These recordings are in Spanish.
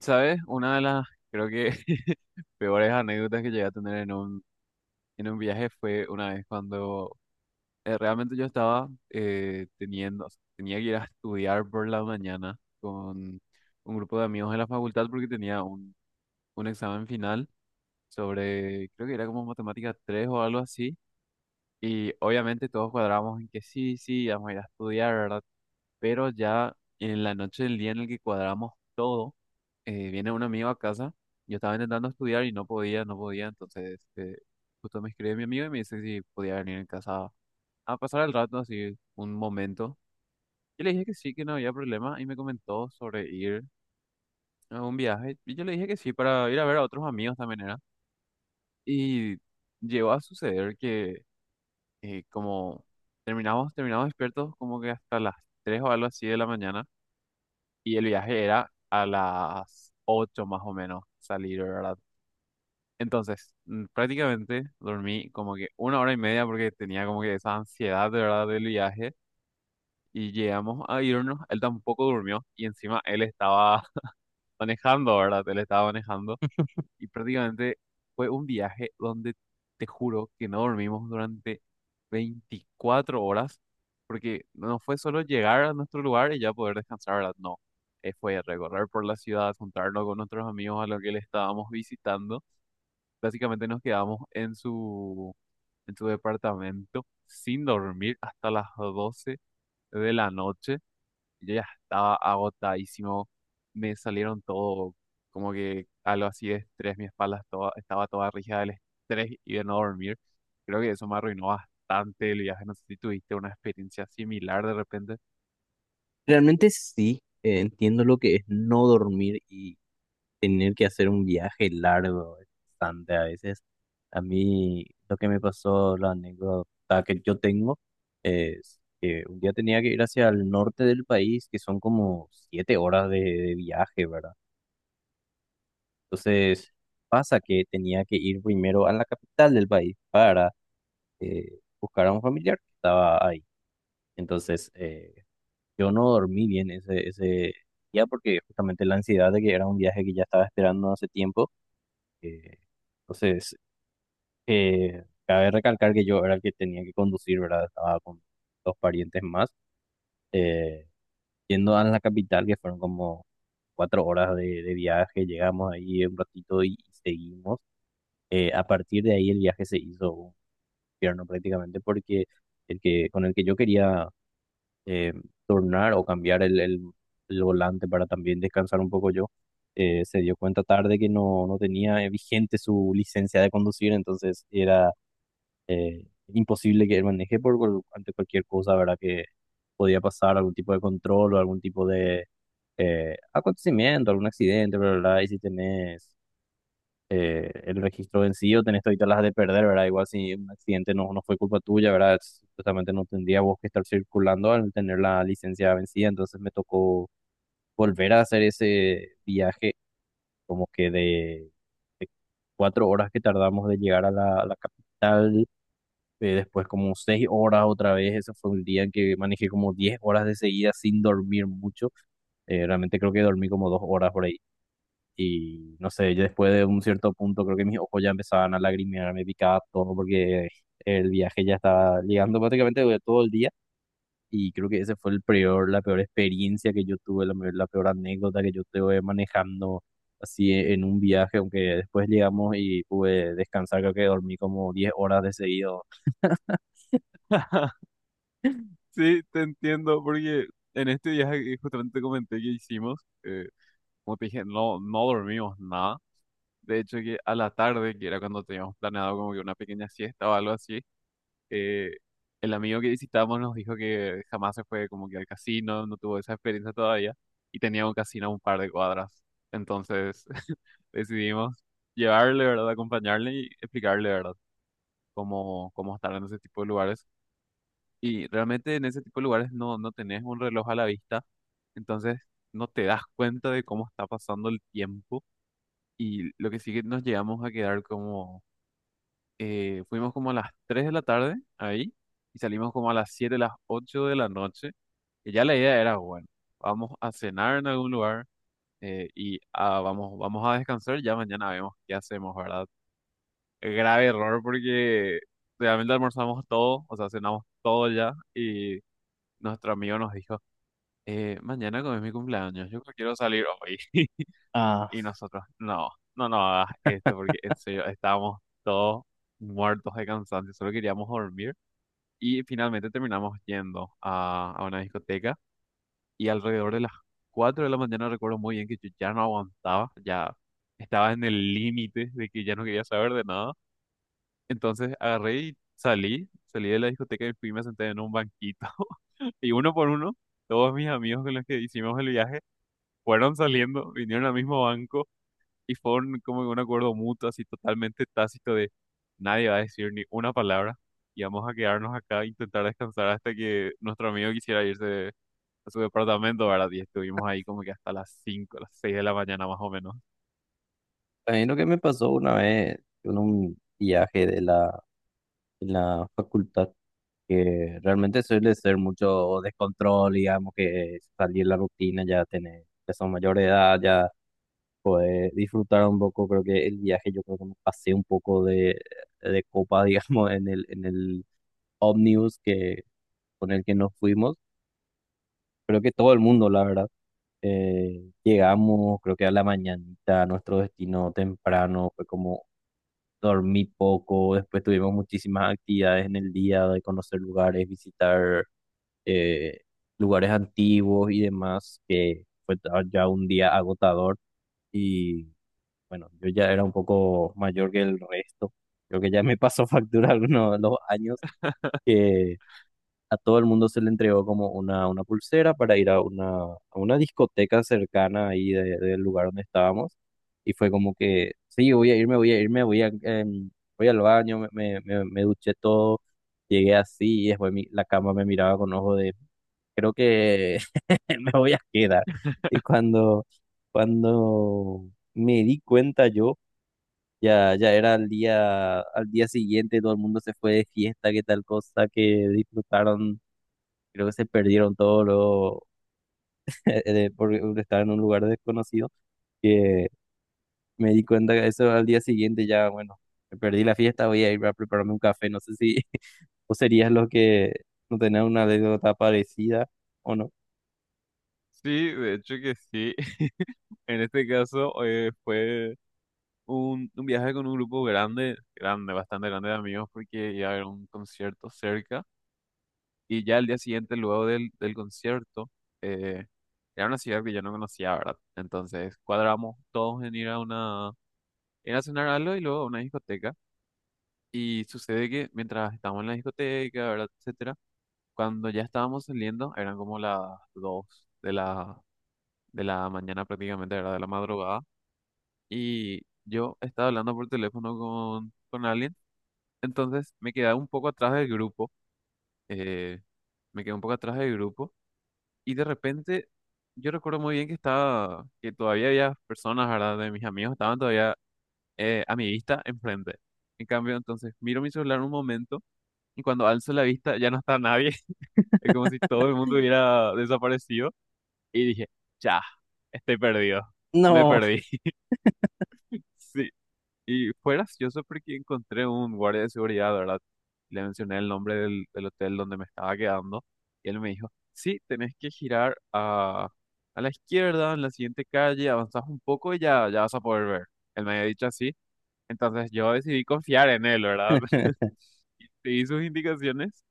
¿Sabes? Una de las, creo que, peores anécdotas que llegué a tener en en un viaje fue una vez cuando realmente yo estaba teniendo, o sea, tenía que ir a estudiar por la mañana con un grupo de amigos de la facultad porque tenía un examen final sobre, creo que era como matemática 3 o algo así. Y obviamente todos cuadramos en que sí, sí, vamos a ir a estudiar, ¿verdad? Pero ya en la noche del día en el que cuadramos todo, viene un amigo a casa, yo estaba intentando estudiar y no podía, no podía, entonces justo me escribe mi amigo y me dice si podía venir en casa a pasar el rato, así un momento. Yo le dije que sí, que no había problema y me comentó sobre ir a un viaje y yo le dije que sí para ir a ver a otros amigos también era. Y llegó a suceder que como terminamos despiertos como que hasta las 3 o algo así de la mañana y el viaje era a las 8 más o menos salir, ¿verdad? Entonces, prácticamente dormí como que una hora y media porque tenía como que esa ansiedad de verdad del viaje y llegamos a irnos, él tampoco durmió y encima él estaba manejando, ¿verdad? Él estaba manejando y prácticamente fue un viaje donde te juro que no dormimos durante 24 horas porque no fue solo llegar a nuestro lugar y ya poder descansar, ¿verdad? No, fue recorrer por la ciudad, juntarnos con nuestros amigos a los que le estábamos visitando. Básicamente nos quedamos en en su departamento sin dormir hasta las 12 de la noche. Yo ya estaba agotadísimo. Me salieron todo como que algo así de estrés. Mi espalda estaba toda rígida del estrés y de no dormir. Creo que eso me arruinó bastante el viaje. No sé si tuviste una experiencia similar de repente. Realmente sí, entiendo lo que es no dormir y tener que hacer un viaje largo, bastante a veces. A mí lo que me pasó, la anécdota que yo tengo, es que un día tenía que ir hacia el norte del país, que son como 7 horas de viaje, ¿verdad? Entonces pasa que tenía que ir primero a la capital del país para buscar a un familiar que estaba ahí. Entonces, eh, Yo no dormí bien ese día porque justamente la ansiedad de que era un viaje que ya estaba esperando hace tiempo. eh, entonces, Cabe recalcar que yo era el que tenía que conducir, ¿verdad? Estaba con dos parientes más, eh, yendo a la capital, que fueron como 4 horas de viaje. Llegamos ahí un ratito y, seguimos. A partir de ahí el viaje se hizo un infierno prácticamente porque con el que yo quería eh, turnar o cambiar el volante para también descansar un poco yo, se dio cuenta tarde que no tenía vigente su licencia de conducir, entonces era eh, imposible que él maneje por, ante cualquier cosa, ¿verdad? Que podía pasar algún tipo de control o algún tipo de acontecimiento, algún accidente, ¿verdad? Y si tenés el registro vencido, tenés todas las de perder, ¿verdad? Igual si un accidente no fue culpa tuya, ¿verdad? Justamente no tendría vos que estar circulando al tener la licencia vencida, entonces me tocó volver a hacer ese viaje como que de 4 horas que tardamos de llegar a a la capital, después como 6 horas otra vez, ese fue un día en que manejé como 10 horas de seguida sin dormir mucho, realmente creo que dormí como 2 horas por ahí y no sé, ya después de un cierto punto creo que mis ojos ya empezaban a lagrimear, me picaba todo porque el viaje ya estaba llegando prácticamente de todo el día. Y creo que ese fue el peor, la peor experiencia que yo tuve, la peor anécdota que yo tuve manejando así en un viaje, aunque después llegamos y pude descansar, creo que dormí como 10 horas de seguido. Sí, te entiendo, porque en este viaje que justamente te comenté que hicimos, como te dije, no, no dormimos nada. De hecho, que a la tarde, que era cuando teníamos planeado como que una pequeña siesta o algo así, eh, el amigo que visitamos nos dijo que jamás se fue como que al casino, no tuvo esa experiencia todavía, y tenía un casino a un par de cuadras. Entonces decidimos llevarle, ¿verdad? Acompañarle y explicarle, ¿verdad? Cómo estar en ese tipo de lugares. Y realmente en ese tipo de lugares no, no tenés un reloj a la vista, entonces no te das cuenta de cómo está pasando el tiempo. Y lo que sí que nos llegamos a quedar como fuimos como a las 3 de la tarde ahí y salimos como a las 7 las 8 de la noche. Y ya la idea era, bueno, vamos a cenar en algún lugar y vamos a descansar, ya mañana vemos qué hacemos, ¿verdad? Grave error porque realmente almorzamos todo, o sea, cenamos todo ya y nuestro amigo nos dijo, mañana como es mi cumpleaños, yo quiero salir hoy. Ah, Y nosotros, no, no, no hagas esto porque en serio estábamos todos muertos de cansancio, solo queríamos dormir. Y finalmente terminamos yendo a una discoteca y alrededor de las 4 de la mañana recuerdo muy bien que yo ya no aguantaba, ya estaba en el límite de que ya no quería saber de nada. Entonces agarré y salí de la discoteca y fui y me senté en un banquito. Y uno por uno, todos mis amigos con los que hicimos el viaje fueron saliendo, vinieron al mismo banco y fue como un acuerdo mutuo, así totalmente tácito de nadie va a decir ni una palabra y vamos a quedarnos acá e intentar descansar hasta que nuestro amigo quisiera irse a su departamento, ¿verdad? Y estuvimos ahí como que hasta las 5 las 6 de la mañana más o menos. también lo que me pasó una vez en un viaje de de la facultad que realmente suele ser mucho descontrol, digamos, que salir de la rutina, ya tener, ya son mayor de edad, ya poder disfrutar un poco, creo que el viaje, yo creo que me pasé un poco de copa, digamos, en en el ómnibus que, con el que nos fuimos, creo que todo el mundo, la verdad. Llegamos, creo que a la mañanita, a nuestro destino temprano, fue como dormí poco, después tuvimos muchísimas actividades en el día de conocer lugares, visitar eh, lugares antiguos y demás, que fue ya un día agotador y bueno, yo ya era un poco mayor que el resto. Creo que ya me pasó factura algunos de los años que a todo el mundo se le entregó como una pulsera para ir a a una discoteca cercana ahí del lugar donde estábamos. Y fue como que, sí, voy a irme, voy a irme, voy a, voy al baño, me duché todo, llegué así y después la cama me miraba con ojo de creo que me voy a quedar. Y cuando, cuando me di cuenta yo, ya era al día siguiente, todo el mundo se fue de fiesta, que tal cosa, que disfrutaron, creo que se perdieron por estar en un lugar desconocido, que me di cuenta que eso al día siguiente ya, bueno, me perdí la fiesta, voy a ir a prepararme un café, no sé si vos serías lo que no tenés una anécdota parecida o no. Sí, de hecho que sí. En este caso fue un viaje con un grupo grande, grande, bastante grande de amigos porque iba a haber un concierto cerca. Y ya el día siguiente, luego del concierto, eh, era una ciudad que yo no conocía, ¿verdad? Entonces cuadramos todos en ir a ir a cenar algo y luego a una discoteca. Y sucede que mientras estábamos en la discoteca, ¿verdad? Etcétera, cuando ya estábamos saliendo, eran como las 2 de de la mañana prácticamente, ¿verdad? De la madrugada. Y yo estaba hablando por teléfono con alguien, entonces me quedé un poco atrás del grupo. eh, Me quedé un poco atrás del grupo. Y de repente, yo recuerdo muy bien que estaba, que todavía había personas, ¿verdad? De mis amigos, estaban todavía a mi vista enfrente. En cambio, entonces, miro mi celular un momento y cuando alzo la vista ya no está nadie. Es como si todo el mundo hubiera desaparecido. Y dije, ya, estoy perdido. Me No. perdí. Sí. Y fue gracioso porque encontré un guardia de seguridad, ¿verdad? Le mencioné el nombre del hotel donde me estaba quedando y él me dijo, sí, tenés que girar a la izquierda, en la siguiente calle, avanzás un poco y ya vas a poder ver. Él me había dicho así, entonces yo decidí confiar en él, ¿verdad? Seguí sus indicaciones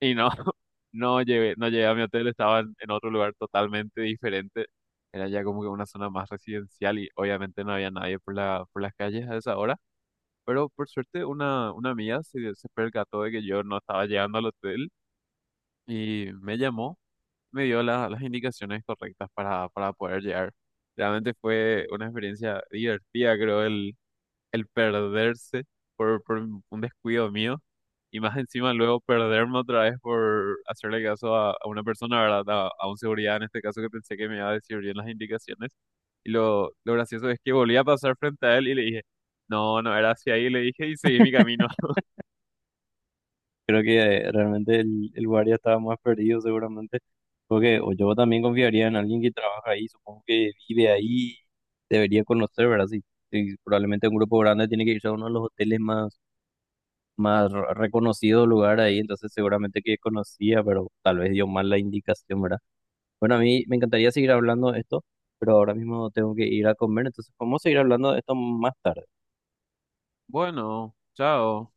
y no, no llegué a mi hotel, estaba en otro lugar totalmente diferente. Era ya como que una zona más residencial y obviamente no había nadie por por las calles a esa hora. Pero por suerte una amiga se percató de que yo no estaba llegando al hotel y me llamó, me dio las indicaciones correctas para poder llegar. Realmente fue una experiencia divertida, creo, el perderse por un descuido mío y más encima luego perderme otra vez por hacerle caso a una persona, ¿verdad? A un seguridad en este caso que pensé que me iba a decir bien las indicaciones. Y lo gracioso es que volví a pasar frente a él y le dije, no, no era hacia ahí, le dije y seguí mi camino. Creo que realmente el guardia estaba más perdido seguramente, porque o yo también confiaría en alguien que trabaja ahí, supongo que vive ahí, debería conocer, ¿verdad? Si, si probablemente un grupo grande tiene que irse a uno de los hoteles más, más reconocidos lugar ahí, entonces seguramente que conocía, pero tal vez dio mal la indicación, ¿verdad? Bueno, a mí me encantaría seguir hablando de esto, pero ahora mismo tengo que ir a comer, entonces podemos seguir hablando de esto más tarde. Bueno, chao.